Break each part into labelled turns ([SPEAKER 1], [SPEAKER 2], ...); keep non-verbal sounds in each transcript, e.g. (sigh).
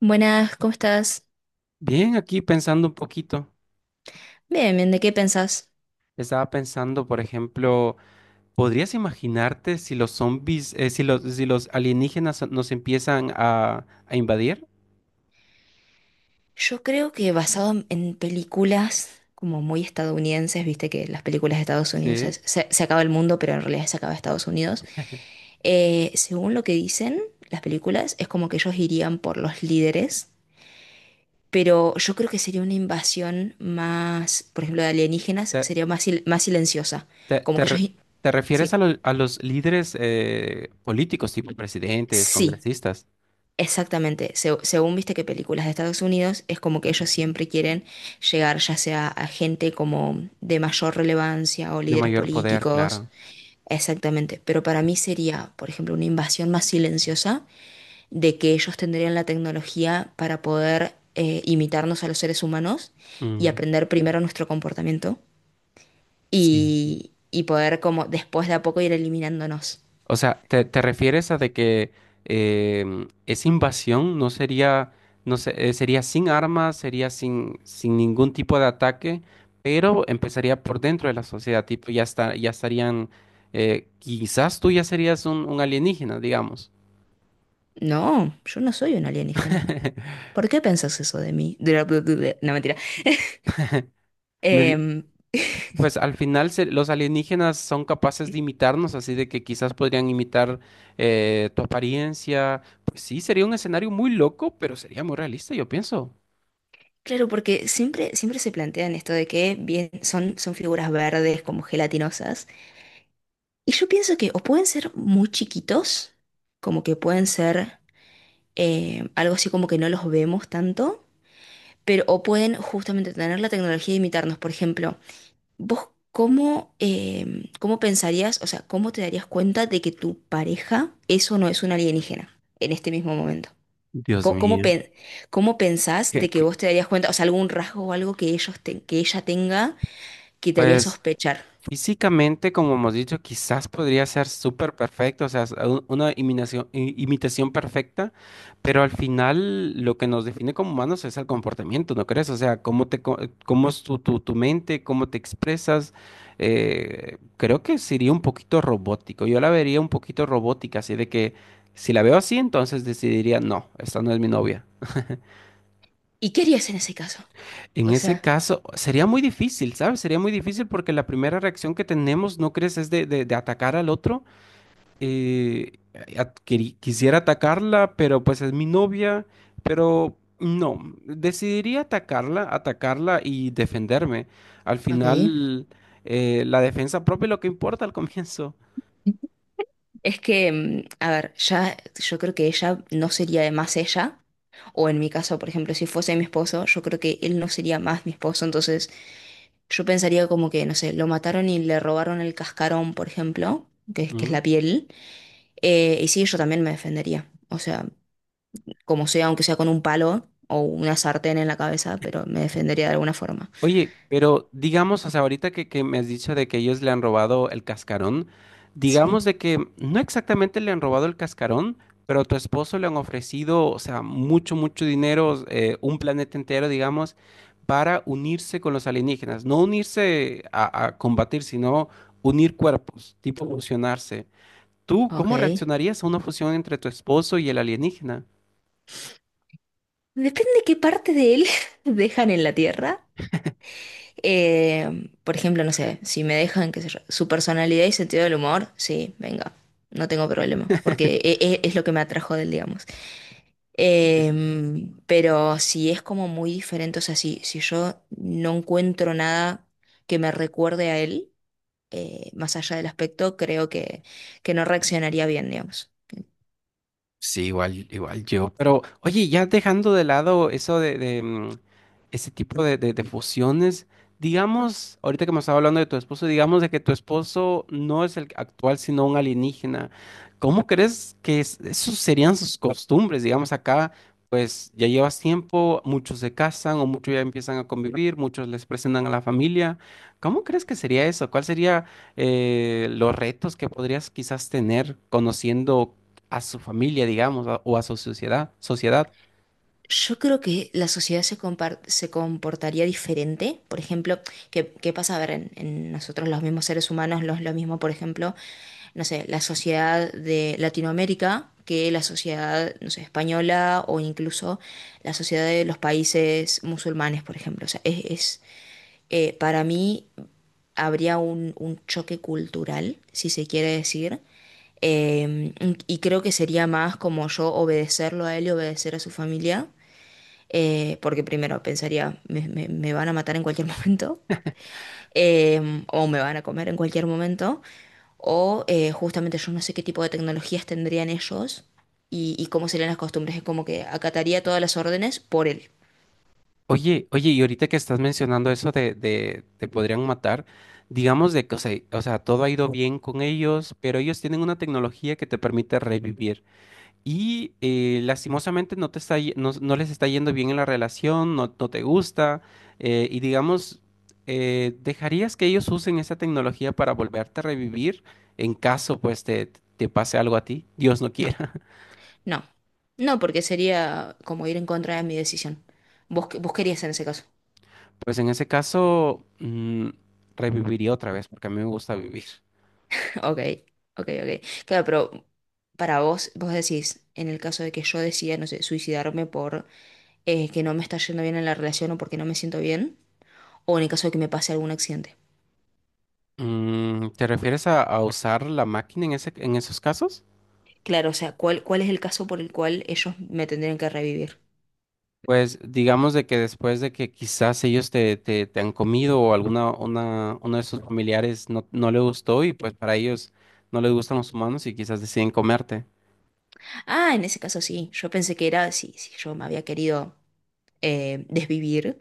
[SPEAKER 1] Buenas, ¿cómo estás?
[SPEAKER 2] Bien, aquí pensando un poquito,
[SPEAKER 1] Bien, bien, ¿de qué pensás?
[SPEAKER 2] estaba pensando, por ejemplo, ¿podrías imaginarte si los zombies, si los, si los alienígenas nos empiezan a invadir?
[SPEAKER 1] Yo creo que basado en películas como muy estadounidenses, viste que las películas de Estados Unidos
[SPEAKER 2] Sí.
[SPEAKER 1] se acaba el mundo, pero en realidad se acaba Estados Unidos. Según lo que dicen las películas, es como que ellos irían por los líderes, pero yo creo que sería una invasión más, por ejemplo, de alienígenas,
[SPEAKER 2] ¿Te,
[SPEAKER 1] sería más, más silenciosa.
[SPEAKER 2] te-
[SPEAKER 1] Como
[SPEAKER 2] te
[SPEAKER 1] que ellos...
[SPEAKER 2] re- ¿Te
[SPEAKER 1] Sí,
[SPEAKER 2] refieres a, a los líderes políticos, tipo presidentes,
[SPEAKER 1] sí,
[SPEAKER 2] congresistas,
[SPEAKER 1] exactamente, según viste que películas de Estados Unidos es como que ellos siempre quieren llegar ya sea a gente como de mayor relevancia o
[SPEAKER 2] de
[SPEAKER 1] líderes
[SPEAKER 2] mayor poder,
[SPEAKER 1] políticos,
[SPEAKER 2] claro?
[SPEAKER 1] exactamente, pero para mí sería, por ejemplo, una invasión más silenciosa de que ellos tendrían la tecnología para poder imitarnos a los seres humanos y
[SPEAKER 2] Mm,
[SPEAKER 1] aprender primero nuestro comportamiento
[SPEAKER 2] sí.
[SPEAKER 1] y poder como después de a poco ir eliminándonos.
[SPEAKER 2] O sea, ¿te refieres a de que esa invasión no sería, no sé, sería sin armas, sería sin, sin ningún tipo de ataque, pero empezaría por dentro de la sociedad, tipo, ya está, ya estarían, quizás tú ya serías un alienígena, digamos.
[SPEAKER 1] No, yo no soy un alienígena.
[SPEAKER 2] (laughs)
[SPEAKER 1] ¿Por qué pensás eso de mí? De la bla, bla, bla. No, mentira.
[SPEAKER 2] Me di-
[SPEAKER 1] Em,
[SPEAKER 2] Pues al final los alienígenas son capaces de imitarnos, así de que quizás podrían imitar tu apariencia. Pues sí, sería un escenario muy loco, pero sería muy realista, yo pienso.
[SPEAKER 1] claro, porque siempre, siempre se plantean esto de que bien, son, son figuras verdes como gelatinosas. Y yo pienso que o pueden ser muy chiquitos, como que pueden ser algo así como que no los vemos tanto, pero o pueden justamente tener la tecnología de imitarnos. Por ejemplo, vos cómo, cómo pensarías, o sea, ¿cómo te darías cuenta de que tu pareja eso no es un alienígena en este mismo momento?
[SPEAKER 2] Dios
[SPEAKER 1] ¿Cómo,
[SPEAKER 2] mío.
[SPEAKER 1] cómo pensás
[SPEAKER 2] que-
[SPEAKER 1] de que
[SPEAKER 2] que,
[SPEAKER 1] vos te darías cuenta, o sea, algún rasgo o algo que que ella tenga que te haría
[SPEAKER 2] pues
[SPEAKER 1] sospechar?
[SPEAKER 2] físicamente, como hemos dicho, quizás podría ser súper perfecto, o sea, una imitación, imitación perfecta, pero al final lo que nos define como humanos es el comportamiento, ¿no crees? O sea, cómo es tu mente, cómo te expresas. Creo que sería un poquito robótico. Yo la vería un poquito robótica, así de que si la veo así, entonces decidiría, no, esta no es mi novia.
[SPEAKER 1] ¿Y qué harías en ese caso?
[SPEAKER 2] En
[SPEAKER 1] O
[SPEAKER 2] ese
[SPEAKER 1] sea,
[SPEAKER 2] caso, sería muy difícil, ¿sabes? Sería muy difícil porque la primera reacción que tenemos, ¿no crees? Es de, de atacar al otro. Eh, Quisiera atacarla, pero pues es mi novia, pero no, decidiría atacarla, atacarla y defenderme. Al
[SPEAKER 1] ok.
[SPEAKER 2] final, la defensa propia es lo que importa al comienzo.
[SPEAKER 1] Es que, a ver, ya yo creo que ella no sería más ella, o en mi caso, por ejemplo, si fuese mi esposo, yo creo que él no sería más mi esposo, entonces yo pensaría como que, no sé, lo mataron y le robaron el cascarón, por ejemplo, que es la piel, y sí, yo también me defendería. O sea, como sea, aunque sea con un palo o una sartén en la cabeza, pero me defendería de alguna forma.
[SPEAKER 2] Oye, pero digamos, hasta ahorita que me has dicho de que ellos le han robado el cascarón,
[SPEAKER 1] Sí,
[SPEAKER 2] digamos de que no exactamente le han robado el cascarón, pero a tu esposo le han ofrecido, o sea, mucho, mucho dinero, un planeta entero, digamos, para unirse con los alienígenas. No unirse a combatir, sino unir cuerpos, tipo fusionarse. ¿Tú cómo
[SPEAKER 1] ok.
[SPEAKER 2] reaccionarías a una fusión entre tu esposo y el alienígena?
[SPEAKER 1] Depende qué parte de él (laughs) dejan en la tierra. Por ejemplo, no sé, si me dejan qué sé yo, su personalidad y sentido del humor, sí, venga, no tengo problema, porque es, lo que me atrajo de él, digamos. Pero si es como muy diferente, o sea, si yo no encuentro nada que me recuerde a él, más allá del aspecto, que no reaccionaría bien, digamos.
[SPEAKER 2] Sí, igual, igual yo. Pero, oye, ya dejando de lado eso de, ese tipo de, de fusiones, digamos, ahorita que me estaba hablando de tu esposo, digamos de que tu esposo no es el actual, sino un alienígena. ¿Cómo crees que esos serían sus costumbres? Digamos, acá, pues ya llevas tiempo, muchos se casan o muchos ya empiezan a convivir, muchos les presentan a la familia. ¿Cómo crees que sería eso? ¿Cuál sería los retos que podrías quizás tener conociendo a su familia, digamos, o a su sociedad, sociedad?
[SPEAKER 1] Yo creo que la sociedad se comportaría diferente. Por ejemplo, ¿qué, qué pasa? A ver, en nosotros los mismos seres humanos, los, lo mismo, por ejemplo, no sé, la sociedad de Latinoamérica que la sociedad, no sé, española o incluso la sociedad de los países musulmanes, por ejemplo. O sea, es, para mí habría un choque cultural, si se quiere decir. Eh, y creo que sería más como yo obedecerlo a él y obedecer a su familia porque primero pensaría, me van a matar en cualquier (laughs) momento, o me van a comer en cualquier momento, o justamente yo no sé qué tipo de tecnologías tendrían ellos y cómo serían las costumbres, es como que acataría todas las órdenes por él.
[SPEAKER 2] Oye, oye, y ahorita que estás mencionando eso de te podrían matar, digamos de que, o sea, todo ha ido bien con ellos, pero ellos tienen una tecnología que te permite revivir. Y lastimosamente no te está, no, no les está yendo bien en la relación, no, no te gusta, y digamos, ¿dejarías que ellos usen esa tecnología para volverte a revivir en caso, pues, te pase algo a ti? Dios no
[SPEAKER 1] No,
[SPEAKER 2] quiera.
[SPEAKER 1] no, no, porque sería como ir en contra de mi decisión. Vos, vos querías en ese caso.
[SPEAKER 2] Pues en ese caso, reviviría otra vez, porque a mí me gusta vivir.
[SPEAKER 1] (laughs) Ok, ok, ok. Claro, pero para vos, vos decís, en el caso de que yo decida, no sé, suicidarme por que no me está yendo bien en la relación o porque no me siento bien, o en el caso de que me pase algún accidente.
[SPEAKER 2] Mm, ¿te refieres a usar la máquina en ese, en esos casos?
[SPEAKER 1] Claro, o sea, ¿cuál, cuál es el caso por el cual ellos me tendrían que revivir?
[SPEAKER 2] Pues digamos de que después de que quizás ellos te, te, te han comido o alguna una, uno de sus familiares no, no le gustó y pues para ellos no les gustan los humanos y quizás deciden comerte.
[SPEAKER 1] Ah, en ese caso sí, yo pensé que era si yo me había querido desvivir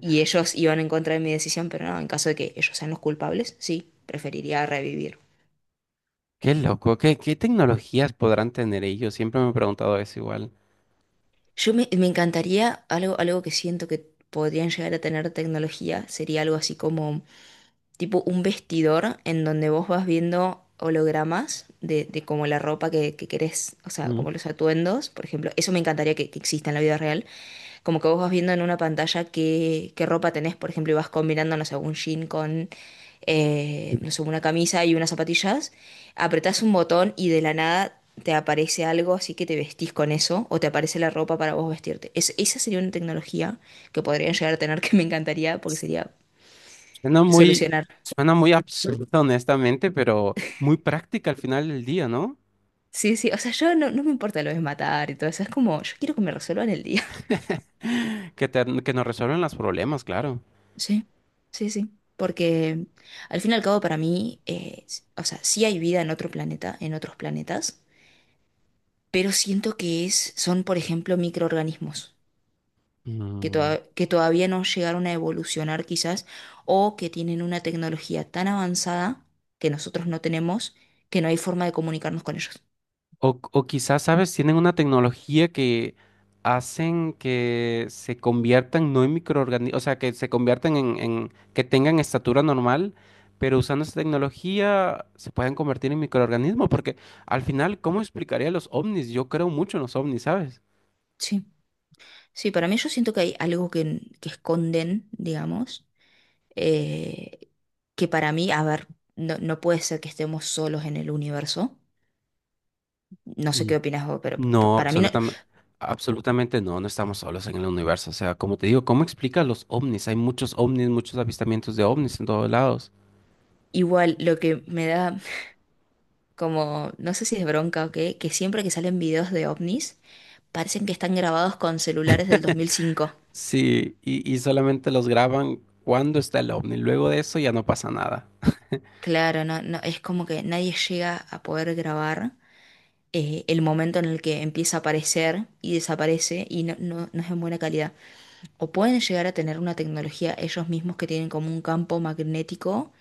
[SPEAKER 1] y ellos iban en contra de mi decisión, pero no, en caso de que ellos sean los culpables, sí, preferiría revivir.
[SPEAKER 2] Qué loco, ¿qué, qué tecnologías podrán tener ellos? Siempre me he preguntado eso igual.
[SPEAKER 1] Yo me encantaría algo, algo que siento que podrían llegar a tener tecnología, sería algo así como tipo un vestidor en donde vos vas viendo hologramas de como la ropa que querés, o sea,
[SPEAKER 2] Mm.
[SPEAKER 1] como los atuendos, por ejemplo. Eso me encantaría que exista en la vida real. Como que vos vas viendo en una pantalla qué, qué ropa tenés, por ejemplo, y vas combinando, no sé, un jean con, no sé, una camisa y unas zapatillas. Apretás un botón y de la nada te aparece algo, así que te vestís con eso, o te aparece la ropa para vos vestirte. Esa sería una tecnología que podrían llegar a tener (laughs) que me encantaría porque sería
[SPEAKER 2] Suena muy,
[SPEAKER 1] solucionar.
[SPEAKER 2] Suena muy absurdo, honestamente, pero muy práctica al final del día, ¿no?
[SPEAKER 1] Sí, sí, o sea, yo no, no me importa lo de matar y todo eso, es como, yo quiero que me resuelvan el día. (laughs)
[SPEAKER 2] (laughs) Que nos resuelven los problemas, claro.
[SPEAKER 1] Sí, sí, sí, porque al fin y al cabo para mí, o sea, sí hay vida en otro planeta, en otros planetas, pero siento que es, son, por ejemplo, microorganismos que,
[SPEAKER 2] Mm.
[SPEAKER 1] que todavía no llegaron a evolucionar quizás o que tienen una tecnología tan avanzada que nosotros no tenemos que no hay forma de comunicarnos con ellos.
[SPEAKER 2] O quizás, ¿sabes? Tienen una tecnología que hacen que se conviertan no en microorganismos, o sea, que se conviertan en, que tengan estatura normal, pero usando esa tecnología se pueden convertir en microorganismos, porque al final, ¿cómo explicaría los ovnis? Yo creo mucho en los ovnis, ¿sabes?
[SPEAKER 1] Sí, sí, para mí yo siento que hay algo que esconden, digamos eh, que para mí, a ver, no, no puede ser que estemos solos en el universo. No sé qué opinas vos, pero
[SPEAKER 2] No,
[SPEAKER 1] para mí no.
[SPEAKER 2] absolutamente, absolutamente no, no estamos solos en el universo. O sea, como te digo, ¿cómo explica los ovnis? Hay muchos ovnis, muchos avistamientos de ovnis en todos lados.
[SPEAKER 1] Igual lo que me da como, no sé si es bronca o qué, que siempre que salen videos de ovnis, parecen que están grabados con celulares del 2005.
[SPEAKER 2] Sí, y solamente los graban cuando está el ovni. Luego de eso ya no pasa nada.
[SPEAKER 1] Claro, no, no, es como que nadie llega a poder grabar el momento en el que empieza a aparecer y desaparece y no, no, no es en buena calidad. O pueden llegar a tener una tecnología ellos mismos que tienen como un campo magnético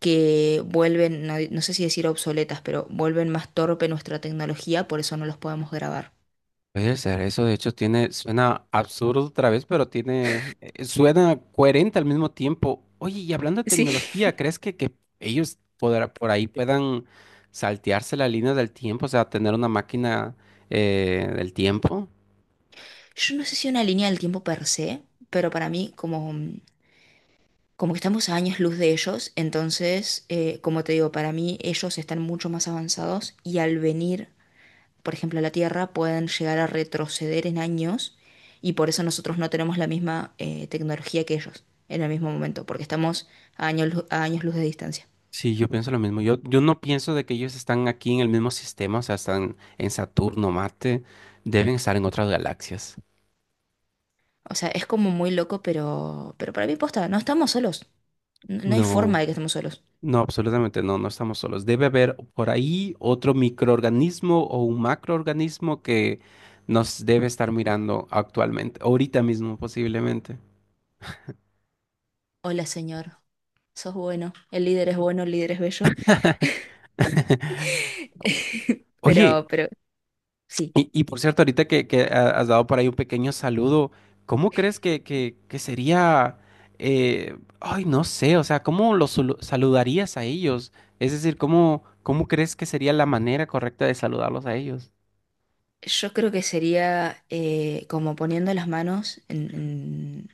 [SPEAKER 1] que vuelven, no, no sé si decir obsoletas, pero vuelven más torpe nuestra tecnología, por eso no los podemos grabar.
[SPEAKER 2] Puede ser, eso de hecho tiene, suena absurdo otra vez, pero tiene, suena coherente al mismo tiempo. Oye, y hablando de
[SPEAKER 1] Sí.
[SPEAKER 2] tecnología, ¿crees que ellos por ahí puedan saltearse la línea del tiempo? O sea, tener una máquina del tiempo.
[SPEAKER 1] Yo no sé si una línea del tiempo per se, pero para mí como, como que estamos a años luz de ellos, entonces, como te digo, para mí ellos están mucho más avanzados y al venir, por ejemplo, a la Tierra, pueden llegar a retroceder en años y por eso nosotros no tenemos la misma tecnología que ellos en el mismo momento, porque estamos a a años luz de distancia.
[SPEAKER 2] Sí, yo pienso lo mismo. Yo no pienso de que ellos están aquí en el mismo sistema, o sea, están en Saturno, Marte, deben estar en otras galaxias.
[SPEAKER 1] O sea, es como muy loco, pero para mí posta, no estamos solos. No, no hay forma
[SPEAKER 2] No,
[SPEAKER 1] de que estemos solos.
[SPEAKER 2] no, absolutamente no, no estamos solos. Debe haber por ahí otro microorganismo o un macroorganismo que nos debe estar mirando actualmente, ahorita mismo posiblemente.
[SPEAKER 1] Hola, señor. Sos bueno. El líder es bueno, el líder es bello.
[SPEAKER 2] (laughs)
[SPEAKER 1] (laughs)
[SPEAKER 2] Oye,
[SPEAKER 1] Pero sí.
[SPEAKER 2] y por cierto, ahorita que has dado por ahí un pequeño saludo, ¿cómo crees que sería, ay, no sé, o sea, ¿cómo los saludarías a ellos? Es decir, ¿cómo, cómo crees que sería la manera correcta de saludarlos a ellos?
[SPEAKER 1] Yo creo que sería como poniendo las manos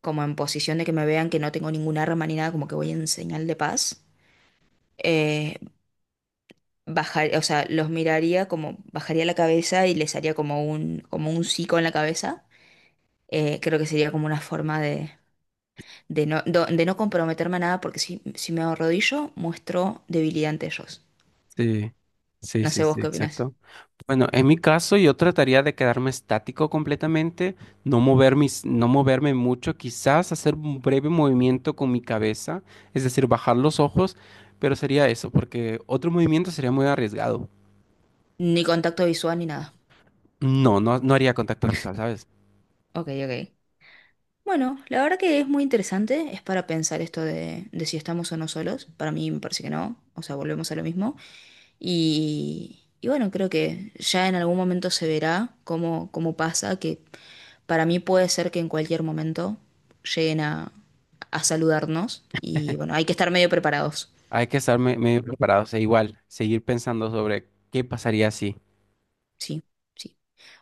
[SPEAKER 1] como en posición de que me vean que no tengo ningún arma ni nada, como que voy en señal de paz. Eh, Bajar, o sea, los miraría como, bajaría la cabeza y les haría como un sí con la cabeza. Creo que sería como una forma de de no comprometerme a nada, porque si, si me arrodillo, muestro debilidad ante ellos.
[SPEAKER 2] Sí, sí,
[SPEAKER 1] No
[SPEAKER 2] sí,
[SPEAKER 1] sé vos
[SPEAKER 2] sí,
[SPEAKER 1] qué opinás.
[SPEAKER 2] exacto. Bueno, en mi caso yo trataría de quedarme estático completamente, no mover mis, no moverme mucho, quizás hacer un breve movimiento con mi cabeza, es decir, bajar los ojos, pero sería eso, porque otro movimiento sería muy arriesgado.
[SPEAKER 1] Ni contacto visual ni nada.
[SPEAKER 2] No, no, no haría contacto visual, ¿sabes?
[SPEAKER 1] Ok, ok. Bueno, la verdad que es muy interesante, es para pensar esto de si estamos o no solos. Para mí me parece que no, o sea, volvemos a lo mismo. Y bueno, creo que ya en algún momento se verá cómo, cómo pasa, que para mí puede ser que en cualquier momento lleguen a saludarnos y bueno, hay que estar medio preparados.
[SPEAKER 2] Hay que estar medio preparado, o sea, igual, seguir pensando sobre qué pasaría si.
[SPEAKER 1] Sí, sí.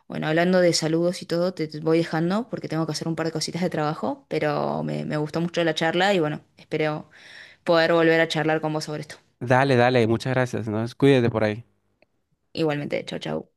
[SPEAKER 1] Bueno, hablando de saludos y todo, te voy dejando porque tengo que hacer un par de cositas de trabajo, pero me gustó mucho la charla y bueno, espero poder volver a charlar con vos sobre esto.
[SPEAKER 2] Dale, dale, muchas gracias, ¿no? Cuídate por ahí.
[SPEAKER 1] Igualmente, chau, chau.